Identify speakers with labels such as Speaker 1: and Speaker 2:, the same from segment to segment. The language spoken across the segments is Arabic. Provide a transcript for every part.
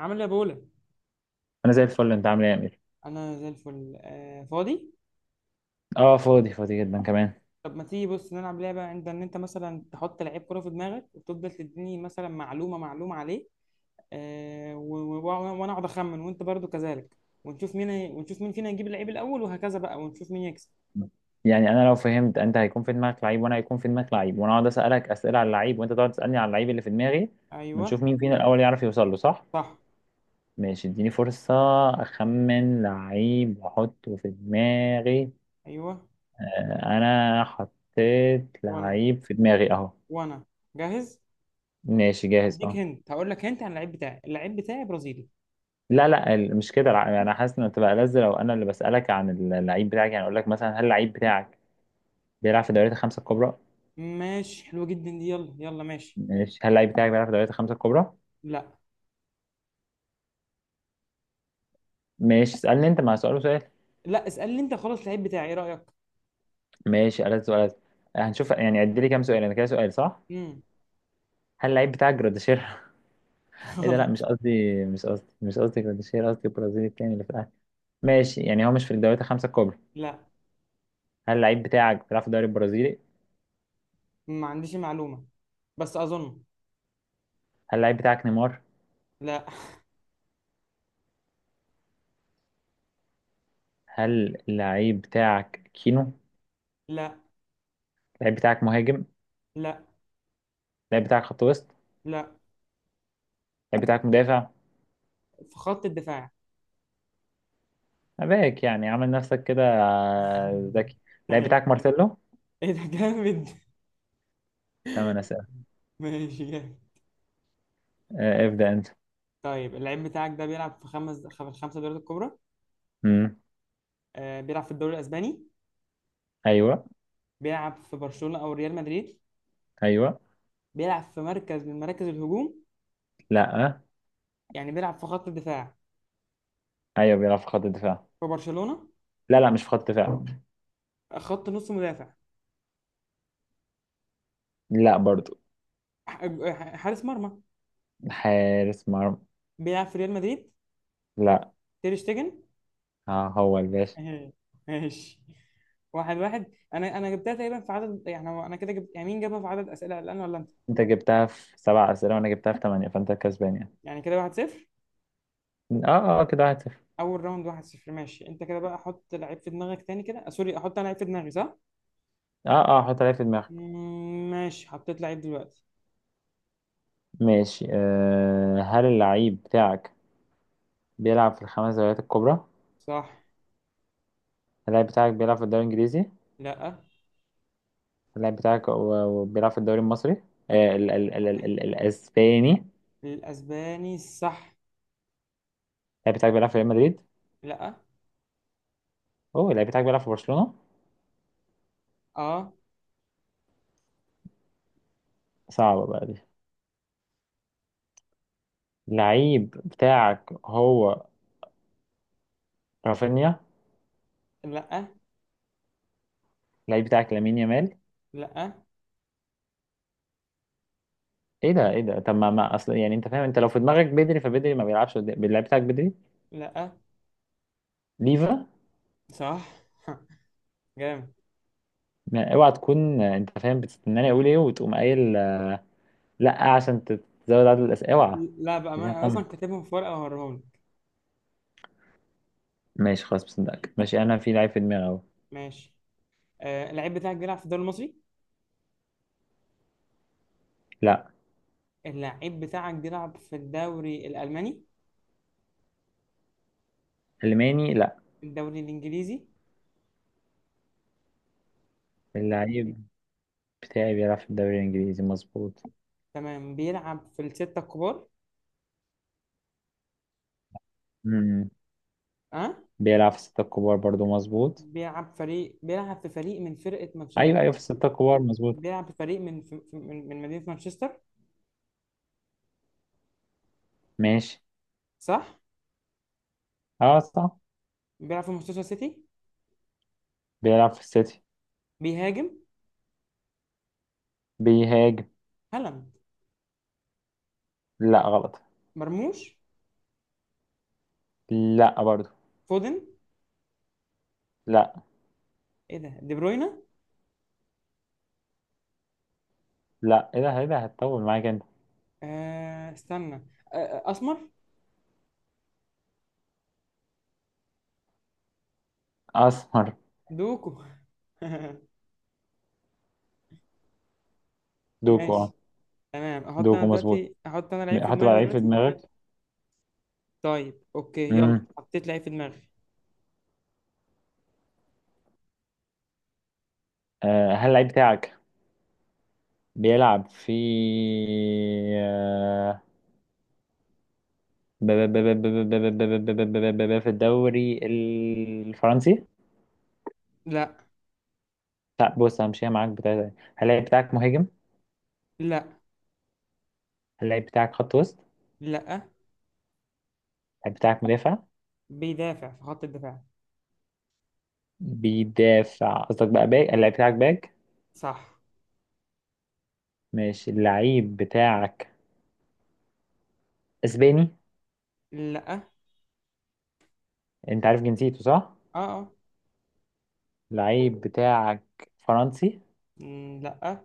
Speaker 1: عامل ايه يا بولا؟
Speaker 2: انا زي الفل. انت عامل ايه يا امير؟
Speaker 1: انا زي الفل، آه فاضي.
Speaker 2: اه، فاضي فاضي جدا كمان.
Speaker 1: طب ما تيجي بص نلعب لعبه عند ان انت مثلا تحط لعيب كره في دماغك وتفضل تديني مثلا معلومه معلومه عليه. وانا اقعد اخمن وانت برضو كذلك. ونشوف مين فينا يجيب اللعيب الاول وهكذا بقى ونشوف مين يكسب.
Speaker 2: يعني انا لو فهمت، انت هيكون في دماغك لعيب وانا هيكون في دماغك لعيب، وانا اقعد اسالك اسئله على اللعيب وانت تقعد تسالني على اللعيب اللي في دماغي،
Speaker 1: ايوه.
Speaker 2: ونشوف مين فينا الاول يعرف يوصل له، صح؟
Speaker 1: صح.
Speaker 2: ماشي، اديني فرصه اخمن لعيب واحطه في دماغي.
Speaker 1: ايوه.
Speaker 2: آه، انا حطيت
Speaker 1: وانا
Speaker 2: لعيب في دماغي اهو.
Speaker 1: وانا جاهز.
Speaker 2: ماشي، جاهز
Speaker 1: اديك
Speaker 2: اه.
Speaker 1: هنت، هقول لك هنت عن اللعيب بتاعي، اللعيب بتاعي برازيلي.
Speaker 2: لا لا، مش كده. انا حاسس ان تبقى لذ لو انا اللي بسالك عن اللعيب بتاعك. يعني اقول لك مثلا، هل اللعيب بتاعك بيلعب في الدوريات الخمسه الكبرى؟
Speaker 1: ماشي حلوه جدا دي، يلا يلا ماشي.
Speaker 2: ماشي، هل اللعيب بتاعك بيلعب في دوريات الخمسة الكبرى؟
Speaker 1: لا،
Speaker 2: ماشي، اسألني أنت مع سؤال وسؤال.
Speaker 1: لا اسالني انت خلاص، اللعيب بتاعي ايه رايك؟
Speaker 2: ماشي، ألد سؤال. هنشوف يعني. عد لي كام سؤال أنا كده، سؤال صح؟
Speaker 1: امم.
Speaker 2: هل اللعيب بتاعك جراديشير؟ إيه ده؟ لا
Speaker 1: خلاص.
Speaker 2: مش قصدي، مش قصدي، مش قصدي جراديشير، قصدي البرازيلي التاني اللي في الأهلي. ماشي، يعني هو مش في الدوريات الخمسة الكبرى.
Speaker 1: لا.
Speaker 2: هل اللعيب بتاعك بيلعب في الدوري البرازيلي؟
Speaker 1: ما عنديش معلومة، بس أظن.
Speaker 2: هل اللعيب بتاعك نيمار؟
Speaker 1: لا.
Speaker 2: هل اللعيب بتاعك كينو؟
Speaker 1: لا.
Speaker 2: اللعيب بتاعك مهاجم؟
Speaker 1: لا.
Speaker 2: اللعيب بتاعك خط وسط؟
Speaker 1: لا.
Speaker 2: اللعيب بتاعك مدافع؟
Speaker 1: في خط الدفاع.
Speaker 2: أباك، يعني عامل نفسك كده ذكي. اللعيب
Speaker 1: أيوة.
Speaker 2: بتاعك مارسيلو؟
Speaker 1: إيه ده جامد.
Speaker 2: تمام، أنا سأل.
Speaker 1: ماشي جامد.
Speaker 2: آه، ابدأ أنت.
Speaker 1: طيب اللعيب بتاعك ده بيلعب في في الخمسة دوريات الكبرى.
Speaker 2: امم.
Speaker 1: بيلعب في الدوري الأسباني.
Speaker 2: ايوه
Speaker 1: بيلعب في برشلونة أو ريال مدريد.
Speaker 2: ايوه.
Speaker 1: بيلعب في مركز من مراكز الهجوم.
Speaker 2: لا.
Speaker 1: يعني بيلعب في خط الدفاع؟
Speaker 2: ايوه بيلعب في خط الدفاع.
Speaker 1: في برشلونة؟
Speaker 2: لا لا، مش في خط الدفاع.
Speaker 1: خط نص مدافع.
Speaker 2: لا برضو.
Speaker 1: حارس مرمى.
Speaker 2: حارس مرمى.
Speaker 1: بيلعب في ريال مدريد.
Speaker 2: لا.
Speaker 1: تير شتيجن.
Speaker 2: آه هو الباشا.
Speaker 1: ماشي. واحد واحد، انا جبتها تقريبا في عدد، يعني هو انا كده جبت، يعني مين جابها في عدد اسئله الان ولا انت؟
Speaker 2: انت جبتها في سبع اسئله وانا جبتها في ثمانيه، فانت كسبان يعني.
Speaker 1: يعني كده 1-0.
Speaker 2: اه اه، آه، كده واحد صفر.
Speaker 1: اول راوند 1-0. ماشي انت كده بقى احط لعيب في دماغك تاني كده. آه، سوري، احط انا لعيب في دماغي صح؟
Speaker 2: اه اه، حط عليها في دماغك.
Speaker 1: ماشي حطيت لعيب دلوقتي.
Speaker 2: ماشي. آه، هل اللعيب بتاعك بيلعب في الخمس دوريات الكبرى؟
Speaker 1: صح.
Speaker 2: اللاعب بتاعك بيلعب في الدوري الانجليزي؟
Speaker 1: لا.
Speaker 2: اللاعب بتاعك و- وبيلعب في الدوري المصري؟ آه، ال ال ال ال الاسباني؟ اللاعب
Speaker 1: الاسباني صح.
Speaker 2: بتاعك بيلعب في ريال مدريد؟
Speaker 1: لا.
Speaker 2: اوه، اللاعب بتاعك بيلعب في برشلونه؟
Speaker 1: اه.
Speaker 2: صعبه بقى دي. لعيب بتاعك هو رافينيا.
Speaker 1: لا.
Speaker 2: لعيب بتاعك لامين يامال.
Speaker 1: لا.
Speaker 2: ايه ده، ايه ده؟ طب ما اصل، يعني انت فاهم، انت لو في دماغك بدري فبدري ما بيلعبش اللعيب بتاعك بدري.
Speaker 1: لا.
Speaker 2: ليفا.
Speaker 1: صح. جامد.
Speaker 2: ما اوعى تكون، انت فاهم بتستناني اقول ايه وتقوم قايل لا، عشان تزود عدد الاسئله. اوعى.
Speaker 1: لا بقى، ما
Speaker 2: عايزين
Speaker 1: انا
Speaker 2: خم.
Speaker 1: اصلا كاتبهم في ورقه وهوريهم لك.
Speaker 2: ماشي خلاص، بصدقك. ماشي، انا في لعيب في دماغي اهو.
Speaker 1: ماشي. اللعيب بتاعك بيلعب في الدوري المصري؟
Speaker 2: لا.
Speaker 1: اللعيب بتاعك بيلعب في الدوري الألماني؟
Speaker 2: الماني، لا.
Speaker 1: الدوري الإنجليزي؟
Speaker 2: اللعيب بتاعي بيلعب في الدوري الانجليزي، مظبوط.
Speaker 1: تمام بيلعب في الستة الكبار.
Speaker 2: امم.
Speaker 1: أه
Speaker 2: بيلعب في الستة الكبار، برضو مظبوط.
Speaker 1: بيلعب بيلعب في فريق من فرقة يعني،
Speaker 2: ايوه ايوه، في الستة الكبار مظبوط.
Speaker 1: بيلعب في فريق من مدينة مانشستر؟
Speaker 2: ماشي.
Speaker 1: صح.
Speaker 2: اه صح.
Speaker 1: بيلعب في مانشستر سيتي.
Speaker 2: بيلعب في السيتي.
Speaker 1: بيهاجم.
Speaker 2: بيهاجم.
Speaker 1: هالاند؟
Speaker 2: لا غلط.
Speaker 1: مرموش؟
Speaker 2: لا برضو.
Speaker 1: فودن؟
Speaker 2: لا.
Speaker 1: إيه ده، دي بروينا؟
Speaker 2: لا. ايه ده، ايه ده، هتطول معاك انت.
Speaker 1: استنى. أسمر.
Speaker 2: اسمر.
Speaker 1: دوكو.
Speaker 2: دوكو اه.
Speaker 1: ماشي. تمام.
Speaker 2: دوكو مظبوط.
Speaker 1: احط انا لعيب في
Speaker 2: حط بقى
Speaker 1: دماغي
Speaker 2: لعيب في
Speaker 1: دلوقتي.
Speaker 2: دماغك.
Speaker 1: طيب اوكي يلا،
Speaker 2: امم.
Speaker 1: حطيت لعيب في دماغي.
Speaker 2: آه، هل اللعيب بتاعك بيلعب في آه، في الدوري الفرنسي؟
Speaker 1: لا.
Speaker 2: لا، بص، همشيها معاك بتاعتك. هل اللعيب بتاعك مهاجم؟
Speaker 1: لا.
Speaker 2: هل اللعيب بتاعك خط وسط؟
Speaker 1: لا.
Speaker 2: اللعيب بتاعك مدافع؟
Speaker 1: بيدافع في خط الدفاع.
Speaker 2: بيدافع، قصدك بقى باك. اللعيب بتاعك باك؟
Speaker 1: صح.
Speaker 2: ماشي، اللعيب بتاعك اسباني؟
Speaker 1: لا. اه.
Speaker 2: انت عارف جنسيته، صح؟
Speaker 1: اه.
Speaker 2: لعيب بتاعك فرنسي؟
Speaker 1: لا.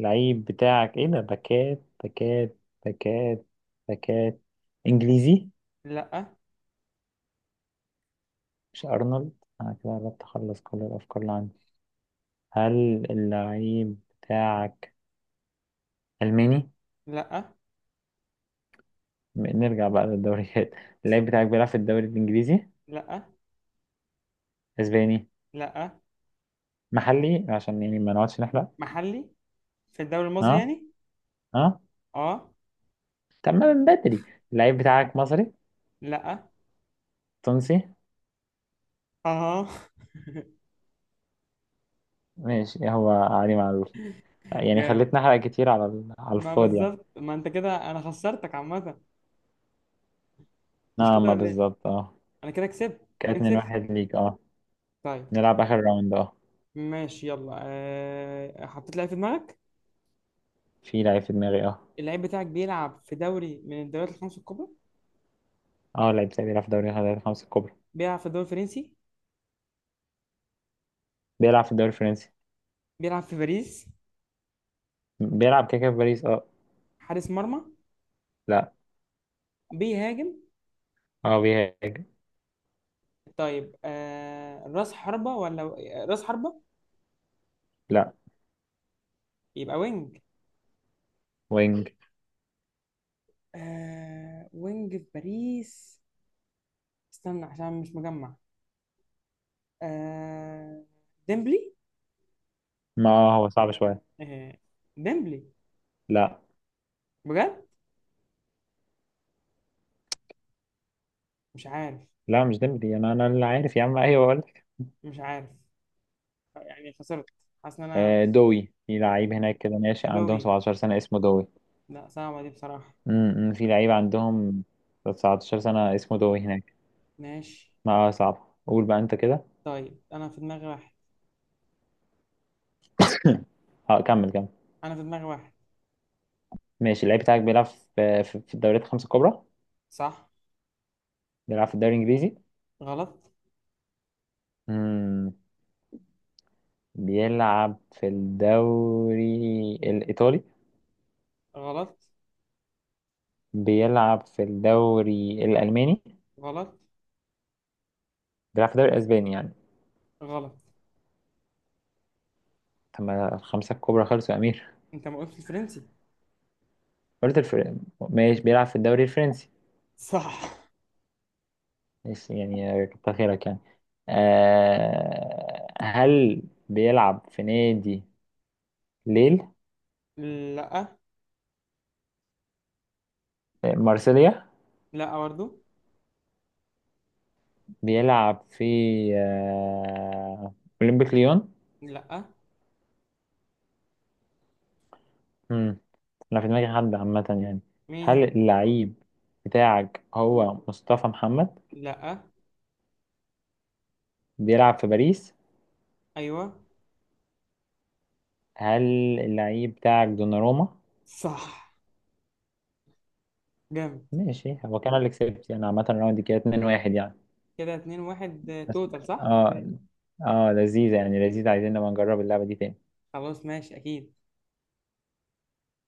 Speaker 2: لعيب بتاعك، ايه ده، باكات باكات باكات باكات انجليزي؟
Speaker 1: لا.
Speaker 2: مش ارنولد. انا كده قربت اخلص كل الافكار اللي عندي. هل اللعيب بتاعك الماني؟
Speaker 1: لا.
Speaker 2: نرجع بقى للدوريات. اللعيب بتاعك بيلعب في الدوري الانجليزي؟
Speaker 1: لا.
Speaker 2: اسباني؟
Speaker 1: لا.
Speaker 2: محلي، عشان يعني ما نقعدش نحرق.
Speaker 1: محلي. في الدوري المصري
Speaker 2: ها،
Speaker 1: يعني.
Speaker 2: ها.
Speaker 1: اه.
Speaker 2: تمام من بدري. اللعيب بتاعك مصري؟
Speaker 1: لا.
Speaker 2: تونسي.
Speaker 1: اه.
Speaker 2: ماشي، هو علي معلول. يعني
Speaker 1: جامد.
Speaker 2: خليتني احرق كتير على على
Speaker 1: ما
Speaker 2: الفاضي يعني.
Speaker 1: بالظبط، ما انت كده انا خسرتك عامة، مش
Speaker 2: نعم،
Speaker 1: كده
Speaker 2: ما
Speaker 1: ولا ايه؟
Speaker 2: بالظبط اه.
Speaker 1: انا كده كسبت.
Speaker 2: كده اتنين
Speaker 1: 2-0.
Speaker 2: واحد ليك، اه.
Speaker 1: طيب.
Speaker 2: نلعب اخر راوند، اه.
Speaker 1: ماشي يلا. حطيت لعيب في دماغك.
Speaker 2: في لعيب في دماغي، اه.
Speaker 1: اللعيب بتاعك بيلعب في دوري من الدوريات الخمس الكبرى؟
Speaker 2: اه لعيب ساعي، بيلعب في دوري الخمسة الكبرى.
Speaker 1: بيلعب في الدوري الفرنسي؟
Speaker 2: بيلعب في الدوري الفرنسي.
Speaker 1: بيلعب في باريس؟
Speaker 2: بيلعب كده كده في باريس، اه.
Speaker 1: حارس مرمى؟
Speaker 2: لا.
Speaker 1: بيهاجم.
Speaker 2: اه بيهاجم.
Speaker 1: طيب راس حربة ولا؟ راس حربة.
Speaker 2: لا.
Speaker 1: يبقى وينج.
Speaker 2: وينج.
Speaker 1: آه وينج في باريس. استنى عشان مش مجمع. آه ديمبلي.
Speaker 2: ما هو صعب شوية.
Speaker 1: آه ديمبلي
Speaker 2: لا
Speaker 1: بجد؟ مش عارف.
Speaker 2: لا، مش ديمبلي. انا اللي عارف يا عم، ايوه بقول لك.
Speaker 1: مش عارف، يعني خسرت. حاسس ان انا.
Speaker 2: آه، دوي. في لعيب هناك كده ناشئ عندهم
Speaker 1: دوي.
Speaker 2: 17 سنة اسمه دوي.
Speaker 1: لا صعبة دي بصراحة.
Speaker 2: امم، في لعيب عندهم 19 سنة اسمه دوي هناك.
Speaker 1: ماشي.
Speaker 2: ما صعب قول بقى انت كده.
Speaker 1: طيب انا في دماغي واحد.
Speaker 2: اه كمل كمل.
Speaker 1: انا في دماغي واحد.
Speaker 2: ماشي، اللعيب بتاعك بيلعب في الدوريات الخمسة الكبرى؟
Speaker 1: صح.
Speaker 2: بيلعب في الدوري الإنجليزي؟
Speaker 1: غلط.
Speaker 2: مم. بيلعب في الدوري الإيطالي؟
Speaker 1: غلط.
Speaker 2: بيلعب في الدوري الألماني؟
Speaker 1: غلط.
Speaker 2: بيلعب في الدوري الأسباني يعني؟
Speaker 1: غلط.
Speaker 2: طب ما الخمسة الكبرى خلصوا يا أمير.
Speaker 1: انت ما قلتش الفرنسي.
Speaker 2: قلت الفر... ماشي، بيلعب في الدوري الفرنسي.
Speaker 1: صح.
Speaker 2: ماشي، يعني كتر خيرك يعني. هل بيلعب في نادي ليل؟
Speaker 1: لا.
Speaker 2: مارسيليا؟
Speaker 1: لا برضو.
Speaker 2: بيلعب في آه، أولمبيك ليون؟
Speaker 1: لا.
Speaker 2: مم. أنا في دماغي حد عامة يعني. هل
Speaker 1: مين؟
Speaker 2: اللعيب بتاعك هو مصطفى محمد؟
Speaker 1: لا.
Speaker 2: بيلعب في باريس؟
Speaker 1: ايوه.
Speaker 2: هل اللعيب بتاعك دوناروما؟
Speaker 1: صح. جامد.
Speaker 2: ماشي، هو كان اللي كسبت يعني. عامة الراوند دي كده 2-1 يعني.
Speaker 1: كده 2-1،
Speaker 2: بس
Speaker 1: توتال صح.
Speaker 2: اه، اه لذيذة يعني، لذيذة. عايزين نبقى نجرب اللعبة دي تاني.
Speaker 1: خلاص ماشي اكيد.